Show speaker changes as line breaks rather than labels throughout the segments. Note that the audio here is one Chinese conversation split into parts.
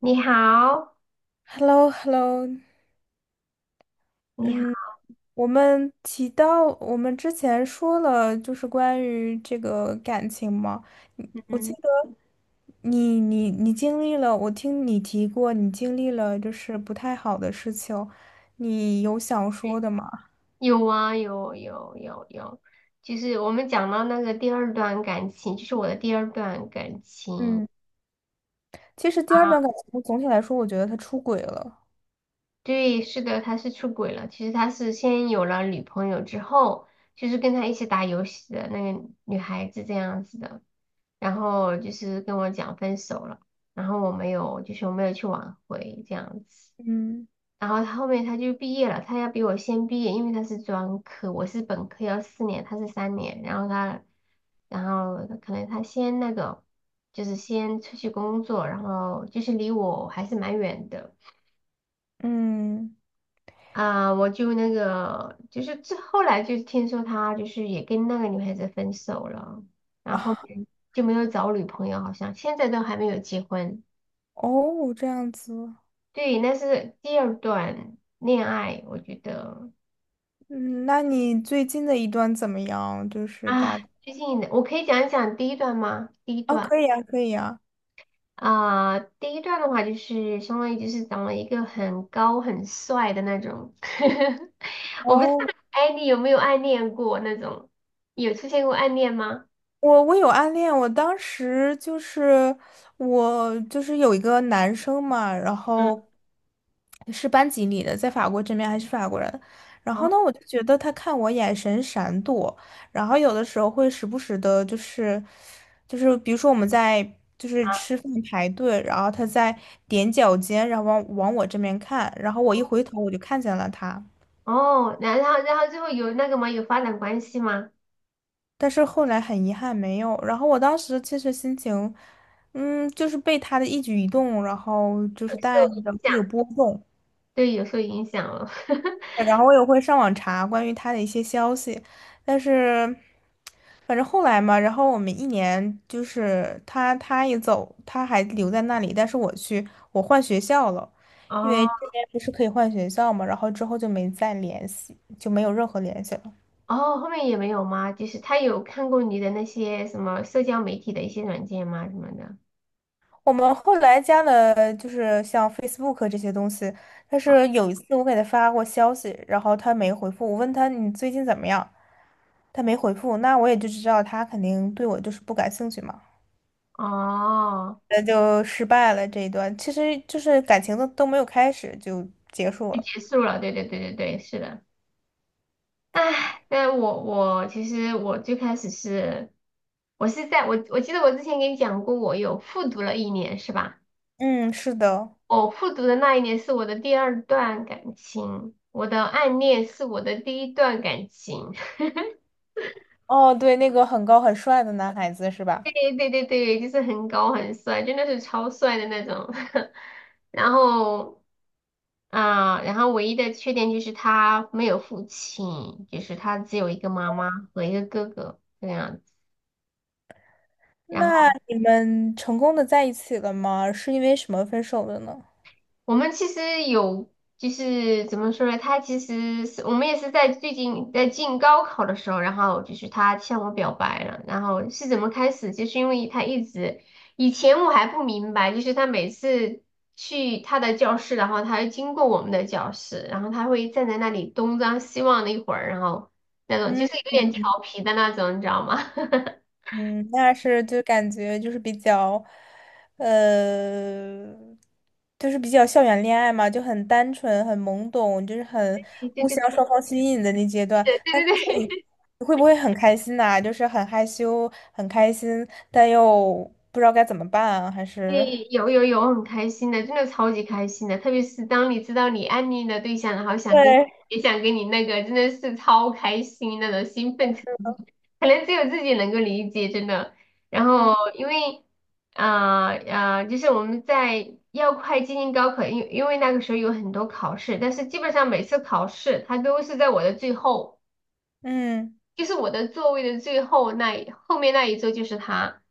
你好，
h e l l o h e l l o
你好，
嗯，我们提到我们之前说了，就是关于这个感情嘛。我记
嗯，
得你经历了，我听你提过，你经历了就是不太好的事情，你有想说的吗？
有啊，有有有有，就是我们讲到那个第二段感情，就是我的第二段感情
嗯，其实第二
啊，
段感情总体来说，我觉得他出轨了。
对，是的，他是出轨了。其实他是先有了女朋友之后，就是跟他一起打游戏的那个女孩子这样子的，然后就是跟我讲分手了，然后我没有去挽回这样子。
嗯
然后他后面就毕业了，他要比我先毕业，因为他是专科，我是本科要4年，他是3年，然后他，然后可能他先那个，就是先出去工作，然后就是离我还是蛮远的
嗯，
啊，我就那个，就是这后来就听说他就是也跟那个女孩子分手了，然后就没有找女朋友，好像现在都还没有结婚。
哦，这样子。
对，那是第二段恋爱，我觉得。
嗯，那你最近的一段怎么样？就是
啊，
大，
最近的我可以讲一讲第一段吗？第一
哦，
段
可以啊，可以啊。
啊，第一段的话就是相当于就是长了一个很高很帅的那种，我不知道，
哦，
哎，你有没有暗恋过那种？有出现过暗恋吗？
我有暗恋，我当时就是我就是有一个男生嘛，然
嗯，
后是班级里的，在法国这边还是法国人，然
然
后
后
呢，我就觉得他看我眼神闪躲，然后有的时候会时不时的，就是比如说我们在就是吃饭排队，然后他在踮脚尖，然后往往我这边看，然后我一回头我就看见了他。
哦，然后最后有那个吗？有发展关系吗？
但是后来很遗憾没有。然后我当时其实心情，嗯，就是被他的一举一动，然后就
有
是带
受影
着
响，
会有波动，
对，有受影响了。
然后我也会上网查关于他的一些消息，但是反正后来嘛，然后我们一年就是他也走，他还留在那里，但是我去我换学校了，因为
哦，
这边不是可以换学校嘛，然后之后就没再联系，就没有任何联系了。
哦，后面也没有吗？就是他有看过你的那些什么社交媒体的一些软件吗？什么的？
我们后来加了，就是像 Facebook 这些东西，但是有一次我给他发过消息，然后他没回复。我问他你最近怎么样，他没回复，那我也就知道他肯定对我就是不感兴趣嘛，
哦，
那就失败了这一段。其实就是感情都没有开始就结束
就
了。
结束了，对对对对对，是的。唉，但我其实我最开始是，我是在我我记得我之前给你讲过，我有复读了一年，是吧？
嗯，是的。
我复读的那一年是我的第二段感情，我的暗恋是我的第一段感情。
哦，对，那个很高很帅的男孩子是吧？
对对对对，就是很高很帅，真的是超帅的那种。然后啊，然后唯一的缺点就是他没有父亲，就是他只有一个妈妈和一个哥哥这个样子。然后。
那你们成功的在一起了吗？是因为什么分手的呢？
我们其实有，就是怎么说呢？他其实是我们也是在最近在进高考的时候，然后就是他向我表白了。然后是怎么开始？就是因为他一直以前我还不明白，就是他每次去他的教室，然后他会经过我们的教室，然后他会站在那里东张西望的一会儿，然后那种就
嗯。
是有点调皮的那种，你知道吗？
嗯，那是就感觉就是比较，呃，就是比较校园恋爱嘛，就很单纯、很懵懂，就是很
对对
互相双
对
方吸引的那阶段。
对对
那这个
对
时候你
对，
会不会很开心呐、就是很害羞、很开心，但又不知道该怎么办啊？还是
诶，有有有，很开心的，真的超级开心的。特别是当你知道你暗恋的对象，然后
对，
也想跟你那个，真的是超开心那种兴奋程度，可能只有自己能够理解，真的。然后
嗯
因为就是我们在要快接近高考，因为那个时候有很多考试，但是基本上每次考试他都是在我的最后，
嗯
就是我的座位的最后那一后面那一周就是他。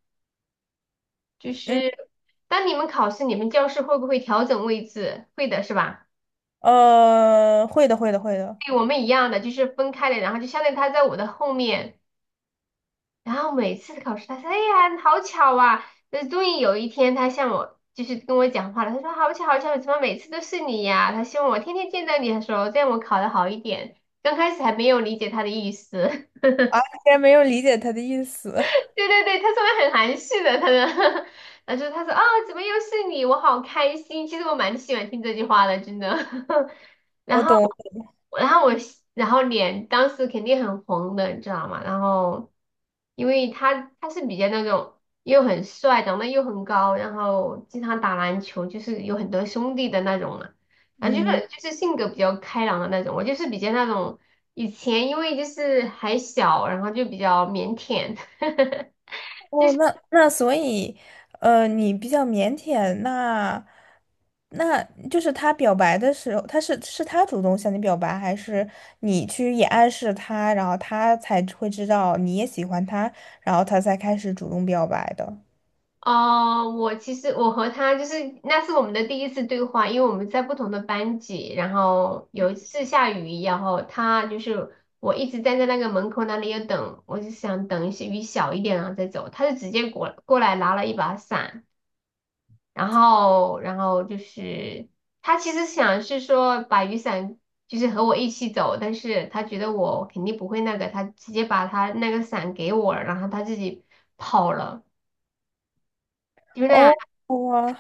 就
嗯，
是当你们考试，你们教室会不会调整位置？会的，是吧？
会的，会的，会的。
对我们一样的，就是分开的，然后就相当于他在我的后面，然后每次考试他说：“哎呀，好巧啊！”那终于有一天，他向我就是跟我讲话了，他说：“好巧，好巧，怎么每次都是你呀？”他希望我天天见到你，的时候，这样我考得好一点。刚开始还没有理解他的意思，
啊，竟然没有理解他的意思，
对对对，他说的很含蓄的，他的，他说啊，怎么又是你？我好开心。其实我蛮喜欢听这句话的，真的。然
我
后，
懂，
然后我，然后脸当时肯定很红的，你知道吗？然后，因为他是比较那种又很帅，长得又很高，然后经常打篮球，就是有很多兄弟的那种嘛。然后就
嗯。
是就是性格比较开朗的那种，我就是比较那种以前因为就是还小，然后就比较腼腆。
哦，那所以，你比较腼腆，那那就是他表白的时候，他是他主动向你表白，还是你去也暗示他，然后他才会知道你也喜欢他，然后他才开始主动表白的？
哦，我其实我和他就是那是我们的第一次对话，因为我们在不同的班级，然后有一次下雨，然后他就是我一直站在那个门口那里要等，我就想等一些雨小一点然后再走，他就直接过来拿了一把伞，然后就是他其实想是说把雨伞就是和我一起走，但是他觉得我肯定不会那个，他直接把他那个伞给我了然后他自己跑了，就那样。
哦，哇，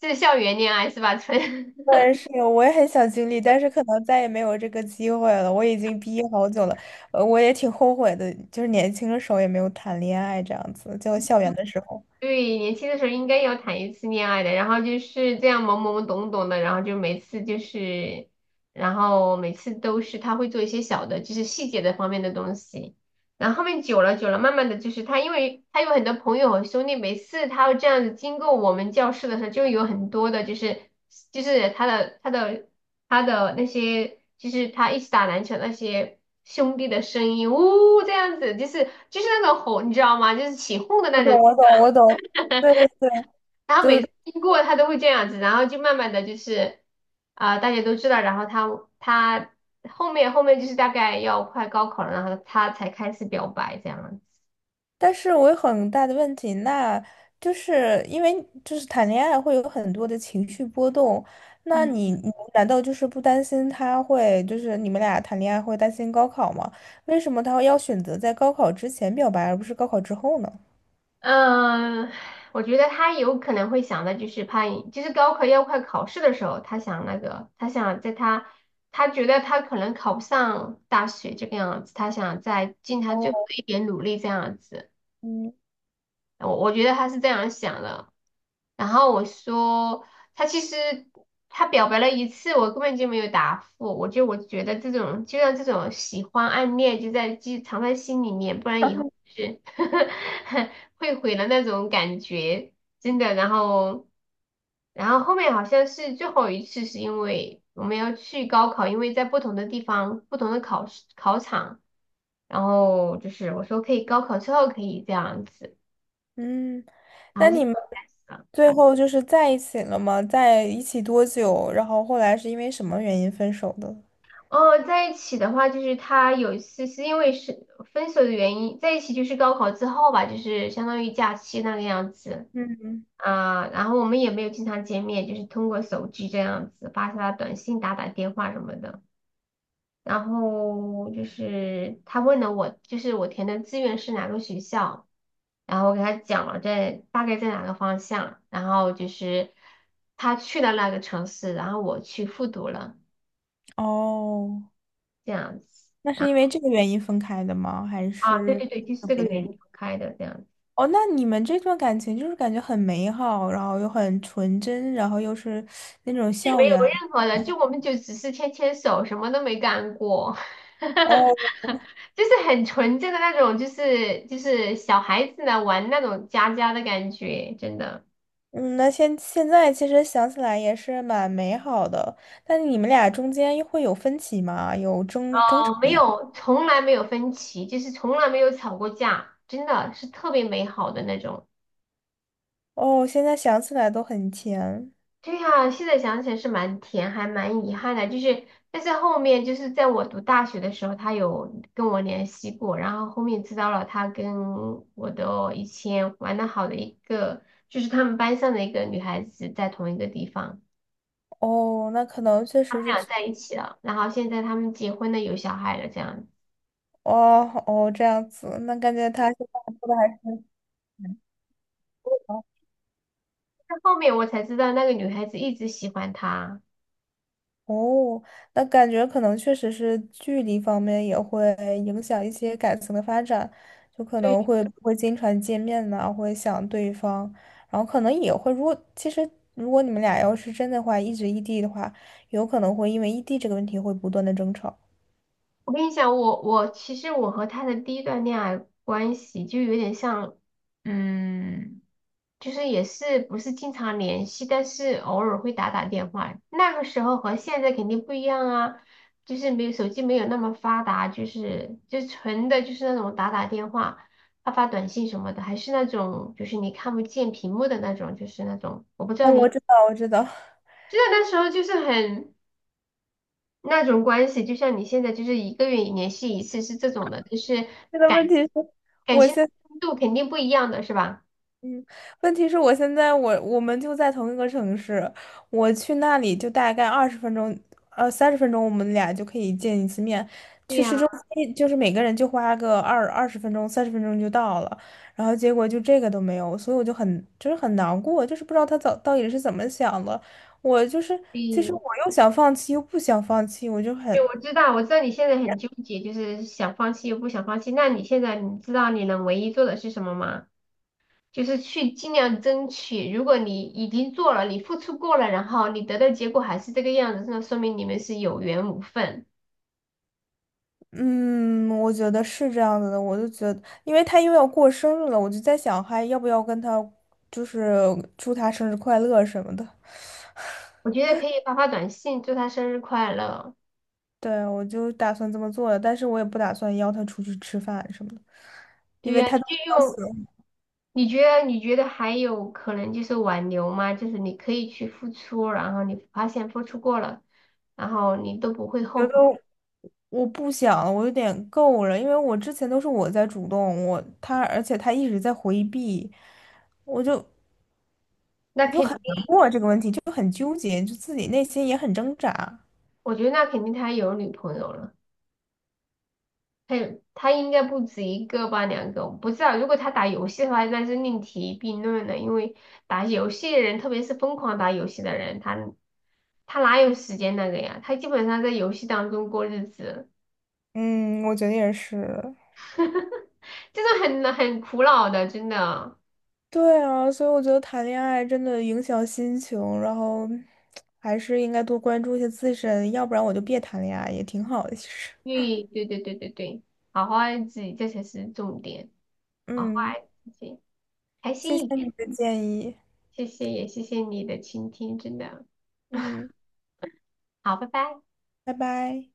是校园恋爱是吧？
对，是有我也很想经历，但是可能再也没有这个机会了。我已经毕业好久了，我也挺后悔的，就是年轻的时候也没有谈恋爱这样子，就校园的时候。
对，年轻的时候应该要谈一次恋爱的，然后就是这样懵懵懂懂的，然后就每次就是，然后每次都是他会做一些小的，就是细节的方面的东西，然后后面久了久了，慢慢的就是他，因为他有很多朋友和兄弟，每次他这样子经过我们教室的时候，就有很多的，就是他的那些，就是他一起打篮球那些兄弟的声音，呜，这样子，就是那种吼，你知道吗？就是起哄的
我
那种。
懂，我懂，我懂，对对对
然后
对
每
对，
次经过他都会这样子，然后就慢慢的就是啊、大家都知道，然后他后面就是大概要快高考了，然后他才开始表白这样子。
但是我有很大的问题，那就是因为就是谈恋爱会有很多的情绪波动，那你难道就是不担心他会就是你们俩谈恋爱会担心高考吗？为什么他要选择在高考之前表白，而不是高考之后呢？
嗯，我觉得他有可能会想的就是怕，就是高考要快考试的时候，他想那个，他觉得他可能考不上大学这个样子，他想再尽他最后
哦，
的一点努力这样子。
嗯
我觉得他是这样想的。然后我说他其实他表白了一次，我根本就没有答复。我觉得这种就像这种喜欢暗恋就在记藏在心里面，不然以后 是 会毁了那种感觉，真的。然后后面好像是最后一次，是因为我们要去高考，因为在不同的地方、不同的考试考场，然后就是我说可以高考之后可以这样子，
嗯，
然
那
后就。这
你
样
们
开始了
最后就是在一起了吗？在一起多久？然后后来是因为什么原因分手的？
哦，在一起的话，就是他有一次是因为是分手的原因，在一起就是高考之后吧，就是相当于假期那个样子
嗯，
啊，然后我们也没有经常见面，就是通过手机这样子发发短信、打打电话什么的。然后就是他问了我，就是我填的志愿是哪个学校，然后我给他讲了在大概在哪个方向，然后就是他去了那个城市，然后我去复读了
哦。
这样子。
那是因为这个原因分开的吗？还
啊，对
是
对对，就是这个
别的
原
原因？
因分开的这样子，
哦，那你们这段感情就是感觉很美好，然后又很纯真，然后又是那种
是没
校
有
园。
任何的，就我们就只是牵牵手，什么都没干过，
哦，
就是很纯正的那种，就是小孩子呢玩那种家家的感觉，真的，
嗯，那现在其实想起来也是蛮美好的，但你们俩中间又会有分歧吗？有争吵？
哦，没有，从来没有分歧，就是从来没有吵过架，真的是特别美好的那种。
哦，现在想起来都很甜。
对呀，现在想起来是蛮甜，还蛮遗憾的。就是，但是后面就是在我读大学的时候，他有跟我联系过，然后后面知道了他跟我的以前玩的好的一个，就是他们班上的一个女孩子在同一个地方，
哦，那可能确
他
实
们
是，
俩在一起了，然后现在他们结婚了，有小孩了，这样子。
哦哦这样子，那感觉他现在过得还。挺
但后面我才知道那个女孩子一直喜欢他。
哦，那感觉可能确实是距离方面也会影响一些感情的发展，就可
对，
能会不会经常见面呐、会想对方，然后可能也会，如果其实如果你们俩要是真的话，一直异地的话，有可能会因为异地这个问题会不断的争吵。
我跟你讲，我其实我和他的第一段恋爱关系就有点像，嗯。就是也是不是经常联系，但是偶尔会打打电话。那个时候和现在肯定不一样啊，就是没有手机没有那么发达，就是就纯的就是那种打打电话、发发短信什么的，还是那种就是你看不见屏幕的那种，就是那种我不知道
嗯，我
你，
知道，我知道，
就是那时候就是很那种关系，就像你现在就是一个月联系一次是这种的，就是
这个
感
问题是，
感
我
情
先。
度肯定不一样的是吧？
问题是我现在我们就在同一个城市，我去那里就大概二十分钟，三十分钟，我们俩就可以见一次面。
对
去市
呀、
中心就是每个人就花个二十分钟、三十分钟就到了，然后结果就这个都没有，所以我就很就是很难过，就是不知道他早到底是怎么想的。我就是其实
对。
我又想放弃又不想放弃，我就
对，
很
我知道，我知道你现在很纠结，就是想放弃又不想放弃。那你现在你知道你能唯一做的是什么吗？就是去尽量争取。如果你已经做了，你付出过了，然后你得到结果还是这个样子，那说明你们是有缘无分。
嗯，我觉得是这样子的，我就觉得，因为他又要过生日了，我就在想，还要不要跟他，就是祝他生日快乐什么的。
我觉得可以发发短信，祝他生日快乐。
对，我就打算这么做的，但是我也不打算邀他出去吃饭什么的，因
对
为
呀，你
他都
就
邀
用，
请，
你觉得还有可能就是挽留吗？就是你可以去付出，然后你发现付出过了，然后你都不会
觉
后
得
悔。
我不想了，我有点够了，因为我之前都是我在主动，而且他一直在回避，我就
那
我就
肯
很难过啊这个问题，就很纠结，就自己内心也很挣扎。
我觉得那肯定他有女朋友了，他有他应该不止一个吧，两个，我不知道。如果他打游戏的话，那是另提并论了，因为打游戏的人，特别是疯狂打游戏的人，他哪有时间那个呀？他基本上在游戏当中过日子，
嗯，我觉得也是。
就是很苦恼的，真的。
对啊，所以我觉得谈恋爱真的影响心情，然后还是应该多关注一下自身，要不然我就别谈恋爱，也挺好的，其实。
对对对对对对，好好爱自己，这才是重点，好好
嗯，
爱自己，开
谢
心
谢
一
你
点。
的建议。
谢谢，也谢谢你的倾听，真的
嗯，
好，拜拜。
拜拜。